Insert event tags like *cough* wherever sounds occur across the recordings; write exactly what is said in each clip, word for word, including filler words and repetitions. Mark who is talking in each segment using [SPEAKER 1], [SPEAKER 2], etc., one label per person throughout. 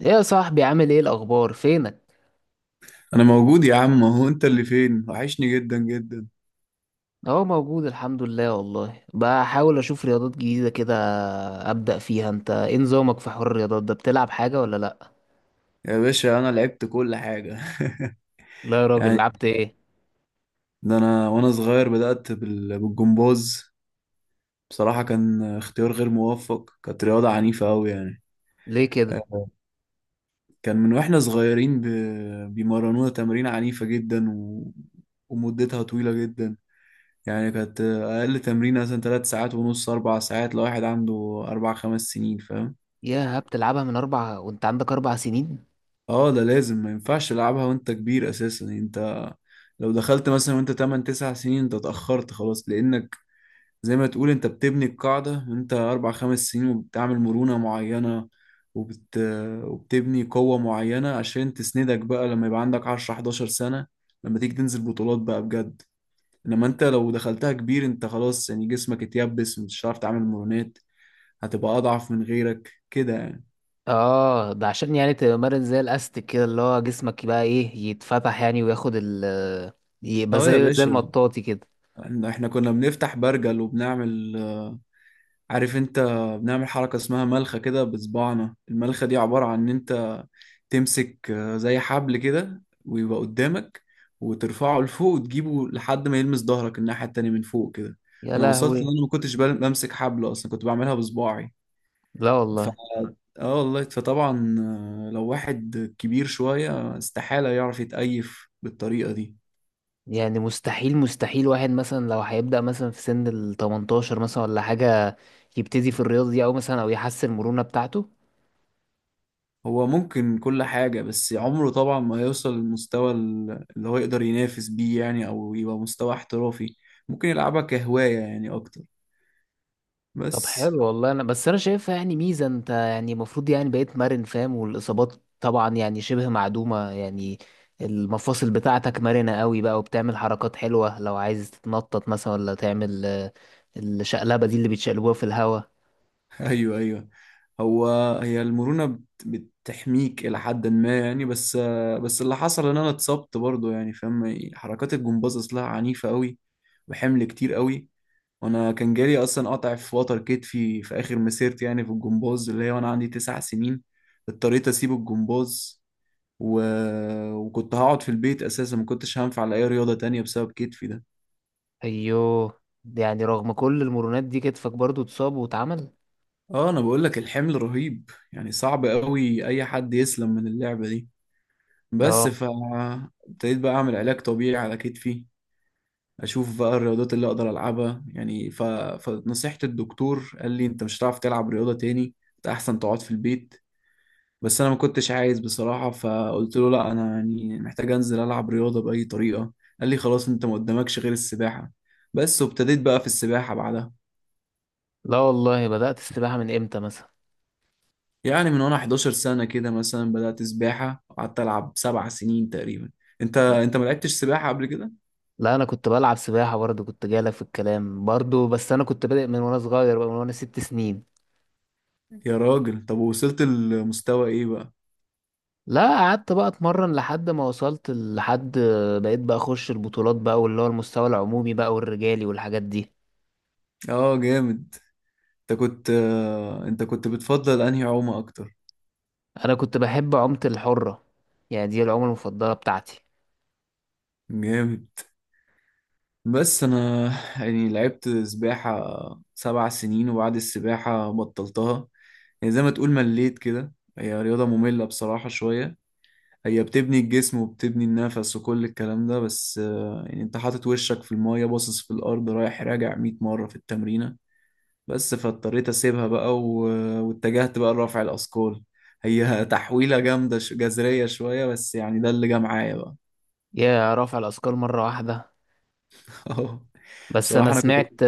[SPEAKER 1] ايه يا صاحبي؟ عامل ايه الاخبار؟ فينك؟
[SPEAKER 2] انا موجود يا عم، هو انت اللي فين؟ وحشني جدا جدا.
[SPEAKER 1] اهو موجود الحمد لله. والله بحاول اشوف رياضات جديده كده ابدا فيها. انت ايه نظامك في حوار الرياضات ده؟ بتلعب حاجه ولا لا؟
[SPEAKER 2] يا باشا انا لعبت كل حاجه. *laughs*
[SPEAKER 1] لا يا راجل،
[SPEAKER 2] يعني
[SPEAKER 1] لعبت ايه؟
[SPEAKER 2] ده انا وانا صغير بدات بال- بالجمباز. بصراحه كان اختيار غير موفق، كانت رياضه عنيفه قوي يعني.
[SPEAKER 1] ليه كده؟
[SPEAKER 2] آه، كان من واحنا صغيرين ب... بيمرنونا تمارين عنيفه جدا و... ومدتها طويله جدا. يعني كانت اقل تمرين مثلا ثلاث ساعات ونص، اربع ساعات، لو واحد عنده اربع خمس سنين، فاهم؟
[SPEAKER 1] يا بتلعبها من اربع وانت عندك اربع سنين؟
[SPEAKER 2] اه ده لازم ما ينفعش تلعبها وانت كبير اساسا. يعني انت لو دخلت مثلا وانت تمان تسعة سنين انت اتأخرت خلاص، لانك زي ما تقول انت بتبني القاعدة وانت اربع خمس سنين، وبتعمل مرونة معينة وبت... وبتبني قوة معينة عشان تسندك بقى لما يبقى عندك عشر حداشر سنة، لما تيجي تنزل بطولات بقى بجد. انما انت لو دخلتها كبير انت خلاص، يعني جسمك اتيبس ومش هتعرف تعمل مرونات، هتبقى اضعف من غيرك كده يعني.
[SPEAKER 1] اه، ده عشان يعني تمارس زي الاستك كده، اللي هو جسمك يبقى ايه، يتفتح يعني وياخد ال... يبقى
[SPEAKER 2] اه يا
[SPEAKER 1] زي زي
[SPEAKER 2] باشا،
[SPEAKER 1] المطاطي كده.
[SPEAKER 2] احنا إحنا كنا بنفتح برجل وبنعمل، عارف انت، بنعمل حركة اسمها ملخة كده بصباعنا. الملخة دي عبارة عن ان انت تمسك آه، زي حبل كده ويبقى قدامك، وترفعه لفوق وتجيبه لحد ما يلمس ظهرك الناحية التانية من فوق كده.
[SPEAKER 1] يا
[SPEAKER 2] انا وصلت ان
[SPEAKER 1] لهوي!
[SPEAKER 2] انا ما كنتش بل- بمسك حبل اصلا، كنت بعملها بصباعي.
[SPEAKER 1] لا
[SPEAKER 2] ف...
[SPEAKER 1] والله.
[SPEAKER 2] اه والله فطبعا. آه، لو واحد كبير شوية استحالة يعرف يتأيف بالطريقة دي.
[SPEAKER 1] يعني مستحيل مستحيل واحد مثلا لو هيبدأ مثلا في سن ال ثمانية عشر، مثلا ولا حاجة، يبتدي في الرياضة دي أو مثلا أو يحسن المرونة بتاعته؟
[SPEAKER 2] هو ممكن كل حاجة، بس عمره طبعا ما يوصل للمستوى ال- اللي هو يقدر ينافس بيه، يعني أو يبقى مستوى احترافي. ممكن يلعبها كهواية يعني أكتر
[SPEAKER 1] طب
[SPEAKER 2] بس.
[SPEAKER 1] حلو والله، أنا بس أنا شايفها يعني ميزة. أنت يعني المفروض يعني بقيت مرن فاهم، والإصابات طبعا يعني شبه معدومة يعني. المفاصل بتاعتك مرنة قوي بقى وبتعمل حركات حلوة، لو عايز تتنطط مثلا ولا تعمل آه، الشقلبة دي اللي بيتشقلبوها في الهوا.
[SPEAKER 2] *laughs* أيوه أيوه. هو هي المرونة بت- بتحميك إلى حد ما يعني، بس بس اللي حصل إن أنا اتصبت برضه، يعني فاهم حركات الجمباز أصلها عنيفة أوي وحمل كتير أوي. وأنا كان جالي أصلا قطع في وتر كتفي في آخر مسيرتي يعني في الجمباز، اللي هي وأنا عندي تسع سنين. اضطريت أسيب الجمباز و... وكنت هقعد في البيت اساسا، ما كنتش هنفع لاي رياضة تانية بسبب كتفي ده.
[SPEAKER 1] أيوه، يعني رغم كل المرونات دي كتفك برضو اتصاب واتعمل.
[SPEAKER 2] اه انا بقول لك الحمل رهيب، يعني صعب قوي اي حد يسلم من اللعبة دي. بس
[SPEAKER 1] اه.
[SPEAKER 2] ف ابتديت بقى اعمل علاج طبيعي على كتفي، اشوف بقى الرياضات اللي اقدر العبها يعني. ف... فنصيحة الدكتور قال لي انت مش هتعرف تلعب رياضة تاني، انت احسن تقعد في البيت. بس انا ما كنتش عايز بصراحه، فقلت له لا انا يعني محتاج انزل العب رياضه باي طريقه. قال لي خلاص انت ما قدامكش غير السباحه بس. وابتديت بقى في السباحه بعدها.
[SPEAKER 1] لا والله، بدأت السباحة من امتى مثلا؟
[SPEAKER 2] يعني من وانا حداشر سنه كده مثلا بدات سباحه، قعدت العب سبع سنين تقريبا. انت انت ما لعبتش سباحه قبل كده؟
[SPEAKER 1] لا انا كنت بلعب سباحة برضه، كنت جايلك في الكلام برضه، بس انا كنت بادئ من وانا صغير بقى، من وانا ست سنين.
[SPEAKER 2] يا راجل طب وصلت لمستوى ايه بقى؟
[SPEAKER 1] لا قعدت بقى اتمرن لحد ما وصلت لحد، بقيت بقى اخش البطولات بقى، واللي هو المستوى العمومي بقى، والرجالي والحاجات دي.
[SPEAKER 2] اه جامد. انت كنت آه، انت كنت بتفضل انهي عومه اكتر؟
[SPEAKER 1] انا كنت بحب عومة الحرة، يعني دي العومة المفضلة بتاعتي.
[SPEAKER 2] جامد. بس انا يعني لعبت سباحة سبع سنين، وبعد السباحة بطلتها. يعني زي ما تقول مليت كده. هي رياضة مملة بصراحة شوية. هي بتبني الجسم وبتبني النفس وكل الكلام ده، بس آه، يعني انت حاطط وشك في المية باصص في الارض رايح راجع مية مرة في التمرينة بس. فاضطريت اسيبها بقى و- واتجهت بقى لرفع الاثقال. هي *laughs* تحويلة جامدة، ش- جذرية شوية، بس يعني ده اللي جه معايا بقى.
[SPEAKER 1] يا رفع الاثقال مرة واحدة؟
[SPEAKER 2] *laughs*
[SPEAKER 1] بس انا
[SPEAKER 2] بصراحة انا كنت.
[SPEAKER 1] سمعت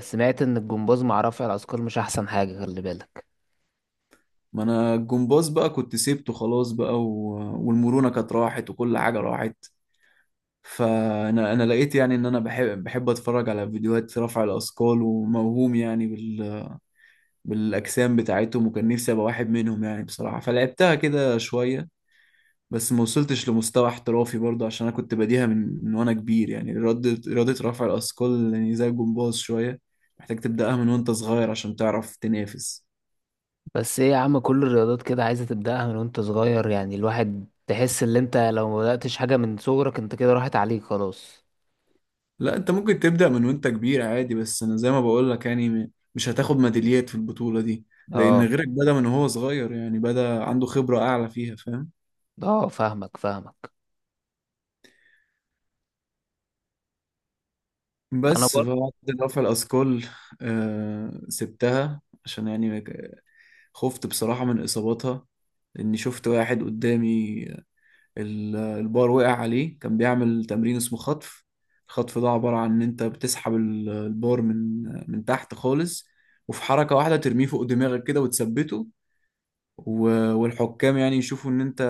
[SPEAKER 1] سمعت ان الجمباز مع رفع الاثقال مش احسن حاجة، خلي بالك.
[SPEAKER 2] ما انا الجمباز بقى كنت سيبته خلاص بقى و... والمرونة كانت راحت وكل حاجة راحت. فانا انا لقيت يعني ان انا بحب بحب اتفرج على فيديوهات رفع الاثقال، وموهوم يعني بال... بالاجسام بتاعتهم، وكان نفسي ابقى واحد منهم يعني بصراحة، فلعبتها كده شوية. بس ما وصلتش لمستوى احترافي برضه عشان انا كنت بديها من, من وانا كبير، يعني رياضة رياضة رفع الاثقال يعني زي الجمباز شوية، محتاج تبدأها من وانت صغير عشان تعرف تنافس.
[SPEAKER 1] بس ايه يا عم، كل الرياضات كده عايزة تبدأها من وانت صغير، يعني الواحد تحس ان انت لو ما بدأتش حاجة من صغرك انت كده راحت عليك خلاص.
[SPEAKER 2] لا انت ممكن تبدأ من وانت كبير عادي، بس انا زي ما بقول لك يعني م- مش هتاخد ميداليات في البطولة دي. لان
[SPEAKER 1] اه.
[SPEAKER 2] غيرك بدأ من هو صغير، يعني بدأ عنده خبرة اعلى فيها فاهم.
[SPEAKER 1] اه، فاهمك فاهمك. انا
[SPEAKER 2] بس
[SPEAKER 1] برضه.
[SPEAKER 2] بعد رفع الاثقال آه سبتها عشان يعني ك- خفت بصراحة من اصاباتها. لاني شفت واحد قدامي ال- البار وقع عليه، كان بيعمل تمرين اسمه خطف. الخطف ده عبارة عن ان انت بتسحب ال- البار من من تحت خالص، وفي حركة واحدة ترميه فوق دماغك كده وتثبته. و- والحكام يعني يشوفوا ان انت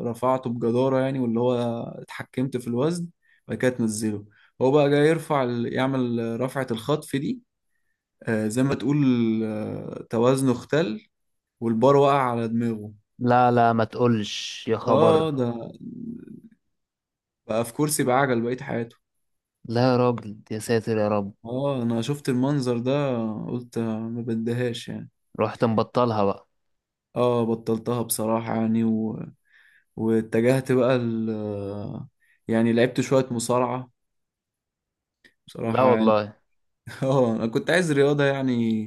[SPEAKER 2] رفعته بجدارة، يعني واللي هو اتحكمت في الوزن، بعد كده تنزله. هو بقى جاي يرفع ال- يعمل رفعة الخطف دي. آه، زي ما تقول آه، توازنه اختل، والبار وقع على دماغه.
[SPEAKER 1] لا لا، ما تقولش يا خبر.
[SPEAKER 2] اه ده بقى في كرسي بعجل بقية حياته.
[SPEAKER 1] لا يا راجل، يا ساتر يا رب.
[SPEAKER 2] اه انا شفت المنظر ده قلت ما بديهاش يعني.
[SPEAKER 1] رحت مبطلها بقى؟
[SPEAKER 2] اه بطلتها بصراحة يعني و... واتجهت بقى ال... يعني لعبت شوية مصارعة
[SPEAKER 1] لا
[SPEAKER 2] بصراحة يعني.
[SPEAKER 1] والله.
[SPEAKER 2] *laughs* اه انا كنت عايز رياضه يعني،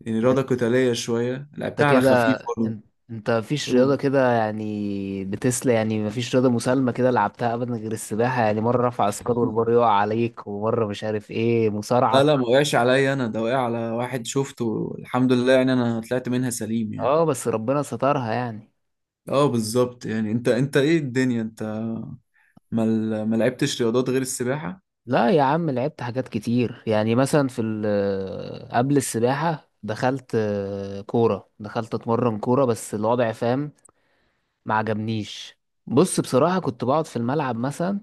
[SPEAKER 2] يعني رياضه قتاليه شويه،
[SPEAKER 1] انت
[SPEAKER 2] لعبتها على
[SPEAKER 1] كده،
[SPEAKER 2] خفيف برضه.
[SPEAKER 1] انت, انت مفيش رياضة
[SPEAKER 2] أوه.
[SPEAKER 1] كده يعني بتسلى، يعني مفيش رياضة مسالمة كده لعبتها ابدا غير السباحة؟ يعني مرة رفع اثقال والبار
[SPEAKER 2] *laughs*
[SPEAKER 1] يقع عليك، ومرة مش عارف ايه
[SPEAKER 2] لا لا
[SPEAKER 1] مصارعة.
[SPEAKER 2] ما وقعش عليا انا، ده وقع على واحد شفته، الحمد لله يعني انا طلعت منها سليم يعني.
[SPEAKER 1] اه بس ربنا سترها يعني.
[SPEAKER 2] اه بالظبط. يعني انت انت ايه الدنيا انت، ما ل- ما لعبتش رياضات غير السباحه؟
[SPEAKER 1] لا يا عم، لعبت حاجات كتير، يعني مثلا في ال- آه، قبل السباحة دخلت آه، كورة، دخلت اتمرن كورة، بس الوضع فاهم ما عجبنيش. بص بصراحة، كنت بقعد في الملعب مثلا،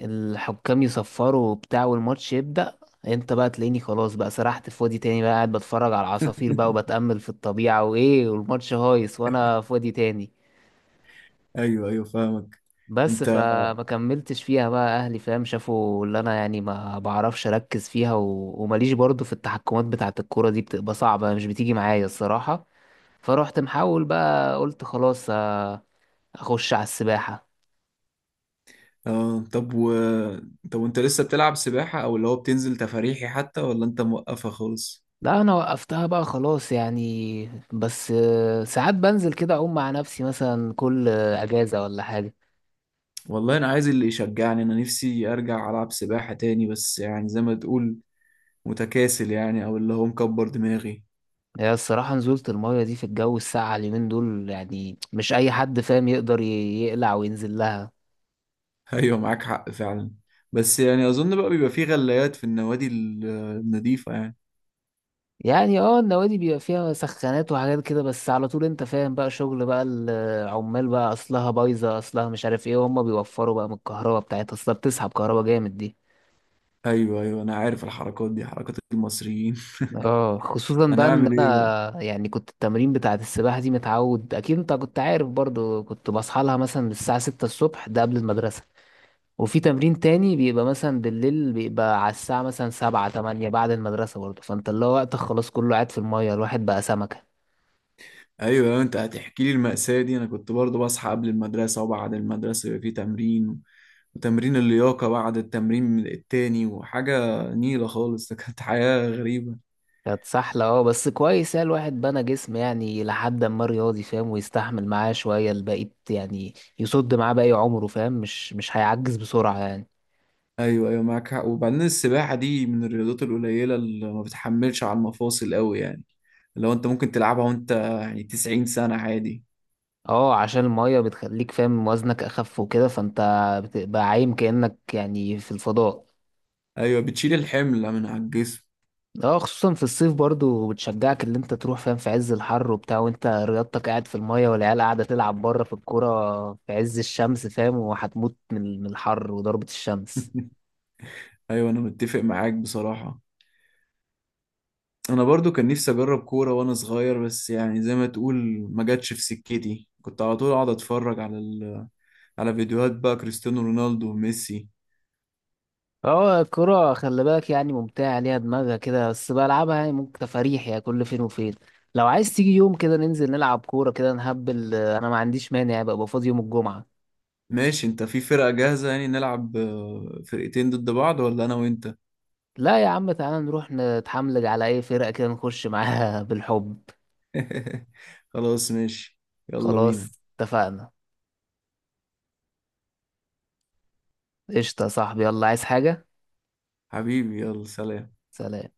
[SPEAKER 1] الحكام يصفروا وبتاع والماتش يبدأ، انت بقى تلاقيني خلاص بقى سرحت في وادي تاني بقى، قاعد بتفرج على العصافير بقى وبتأمل في الطبيعة وايه، والماتش هايص وانا في وادي تاني.
[SPEAKER 2] ايوه ايوه فاهمك
[SPEAKER 1] بس
[SPEAKER 2] انت.
[SPEAKER 1] فما كملتش فيها بقى، اهلي فاهم شافوا اللي انا يعني ما بعرفش اركز فيها، و... وماليش برضو في التحكمات بتاعه الكوره دي، بتبقى صعبه، مش بتيجي معايا الصراحه. فروحت محاول بقى، قلت خلاص آه، اخش على السباحه.
[SPEAKER 2] اه طب و طب وانت لسه بتلعب سباحه، او اللي هو بتنزل تفاريحي حتى، ولا انت موقفه خالص؟
[SPEAKER 1] لا انا وقفتها بقى خلاص يعني، بس آه، ساعات بنزل كده اعوم مع نفسي، مثلا كل آه، اجازه ولا حاجه.
[SPEAKER 2] والله انا عايز اللي يشجعني، انا نفسي ارجع العب سباحه تاني، بس يعني زي ما تقول متكاسل يعني، او اللي هو مكبر دماغي.
[SPEAKER 1] هي الصراحة نزولة المية دي في الجو الساقع اليومين دول، يعني مش أي حد فاهم يقدر ي- يقلع وينزل لها.
[SPEAKER 2] *laughs* ايوه معاك حق فعلا. بس يعني اظن بقى بيبقى فيه غلايات في النوادي ال- النظيفة يعني.
[SPEAKER 1] يعني اه النوادي بيبقى فيها سخانات وحاجات كده، بس على طول انت فاهم بقى، شغل بقى العمال بقى، اصلها بايظه، اصلها مش عارف ايه، وهم بيوفروا بقى من الكهرباء بتاعتها، اصلها بتسحب كهرباء جامد دي.
[SPEAKER 2] ايوه ايوه انا عارف الحركات دي حركات المصريين.
[SPEAKER 1] اه، خصوصا
[SPEAKER 2] *laughs* انا
[SPEAKER 1] بقى ان
[SPEAKER 2] اعمل ايه بقى؟
[SPEAKER 1] انا يعني كنت التمرين بتاعت السباحه دي، متعود اكيد انت كنت عارف برضو، كنت بصحى لها مثلا من الساعه ستة الصبح، ده قبل المدرسه. وفي تمرين تاني بيبقى مثلا بالليل، بيبقى على الساعه مثلا سبعة تمانية بعد المدرسه برضو، فانت اللي هو وقتك خلاص كله قاعد في الميه، الواحد بقى سمكه.
[SPEAKER 2] ايوه أيوة، انت هتحكي لي المأساة دي؟ انا كنت برضو بصحى قبل المدرسة، وبعد المدرسة يبقى فيه تمرين، وتمرين اللياقة بعد التمرين التاني، وحاجة نيلة خالص. *laughs* ده كانت حياة غريبة.
[SPEAKER 1] كانت سحلة، اه بس كويس يعني، الواحد بنى جسم يعني لحد ما رياضي فاهم، ويستحمل معاه شوية البقيت يعني، يصد معاه باقي عمره فاهم، مش مش هيعجز بسرعة يعني.
[SPEAKER 2] ايوه ايوه معاك حق. وبعدين السباحه دي من الرياضات القليله اللي ما بتحملش على المفاصل قوي يعني، لو انت ممكن تلعبها وانت يعني تسعين سنه عادي.
[SPEAKER 1] اه، عشان المية بتخليك فاهم وزنك أخف وكده، فانت بتبقى عايم كأنك يعني في الفضاء.
[SPEAKER 2] ايوه بتشيل الحمل من على الجسم.
[SPEAKER 1] اه خصوصا في الصيف برضو، بتشجعك اللي انت تروح فاهم في عز الحر وبتاع، وانت رياضتك قاعد في المية، والعيال قاعدة تلعب بره في الكورة في عز الشمس فاهم، وهتموت من من الحر وضربة الشمس.
[SPEAKER 2] *laughs* ايوه انا متفق معاك بصراحه. انا برضو كان نفسي اجرب كوره وانا صغير، بس يعني زي ما تقول ما جاتش في سكتي، كنت على طول اقعد اتفرج على ال... على فيديوهات بقى كريستيانو رونالدو وميسي.
[SPEAKER 1] اه، الكرة خلي بالك يعني ممتعة، ليها دماغها كده، بس بلعبها يعني ممكن تفاريح يعني كل فين وفين. لو عايز تيجي يوم كده ننزل نلعب كورة كده نهبل، آه، انا ما عنديش مانع يعني، ببقى فاضي يوم الجمعة.
[SPEAKER 2] ماشي انت في فرقه جاهزه يعني نلعب آه، فرقتين ضد بعض، ولا انا وانت؟
[SPEAKER 1] لا يا عم، تعالى نروح نتحملج على اي فرقة كده، نخش معاها *laughs* بالحب.
[SPEAKER 2] *laughs* خلاص ماشي، يلا بينا.
[SPEAKER 1] خلاص اتفقنا. قشطة يا صاحبي، يلا عايز حاجة؟
[SPEAKER 2] حبيبي يلا سلام.
[SPEAKER 1] سلام.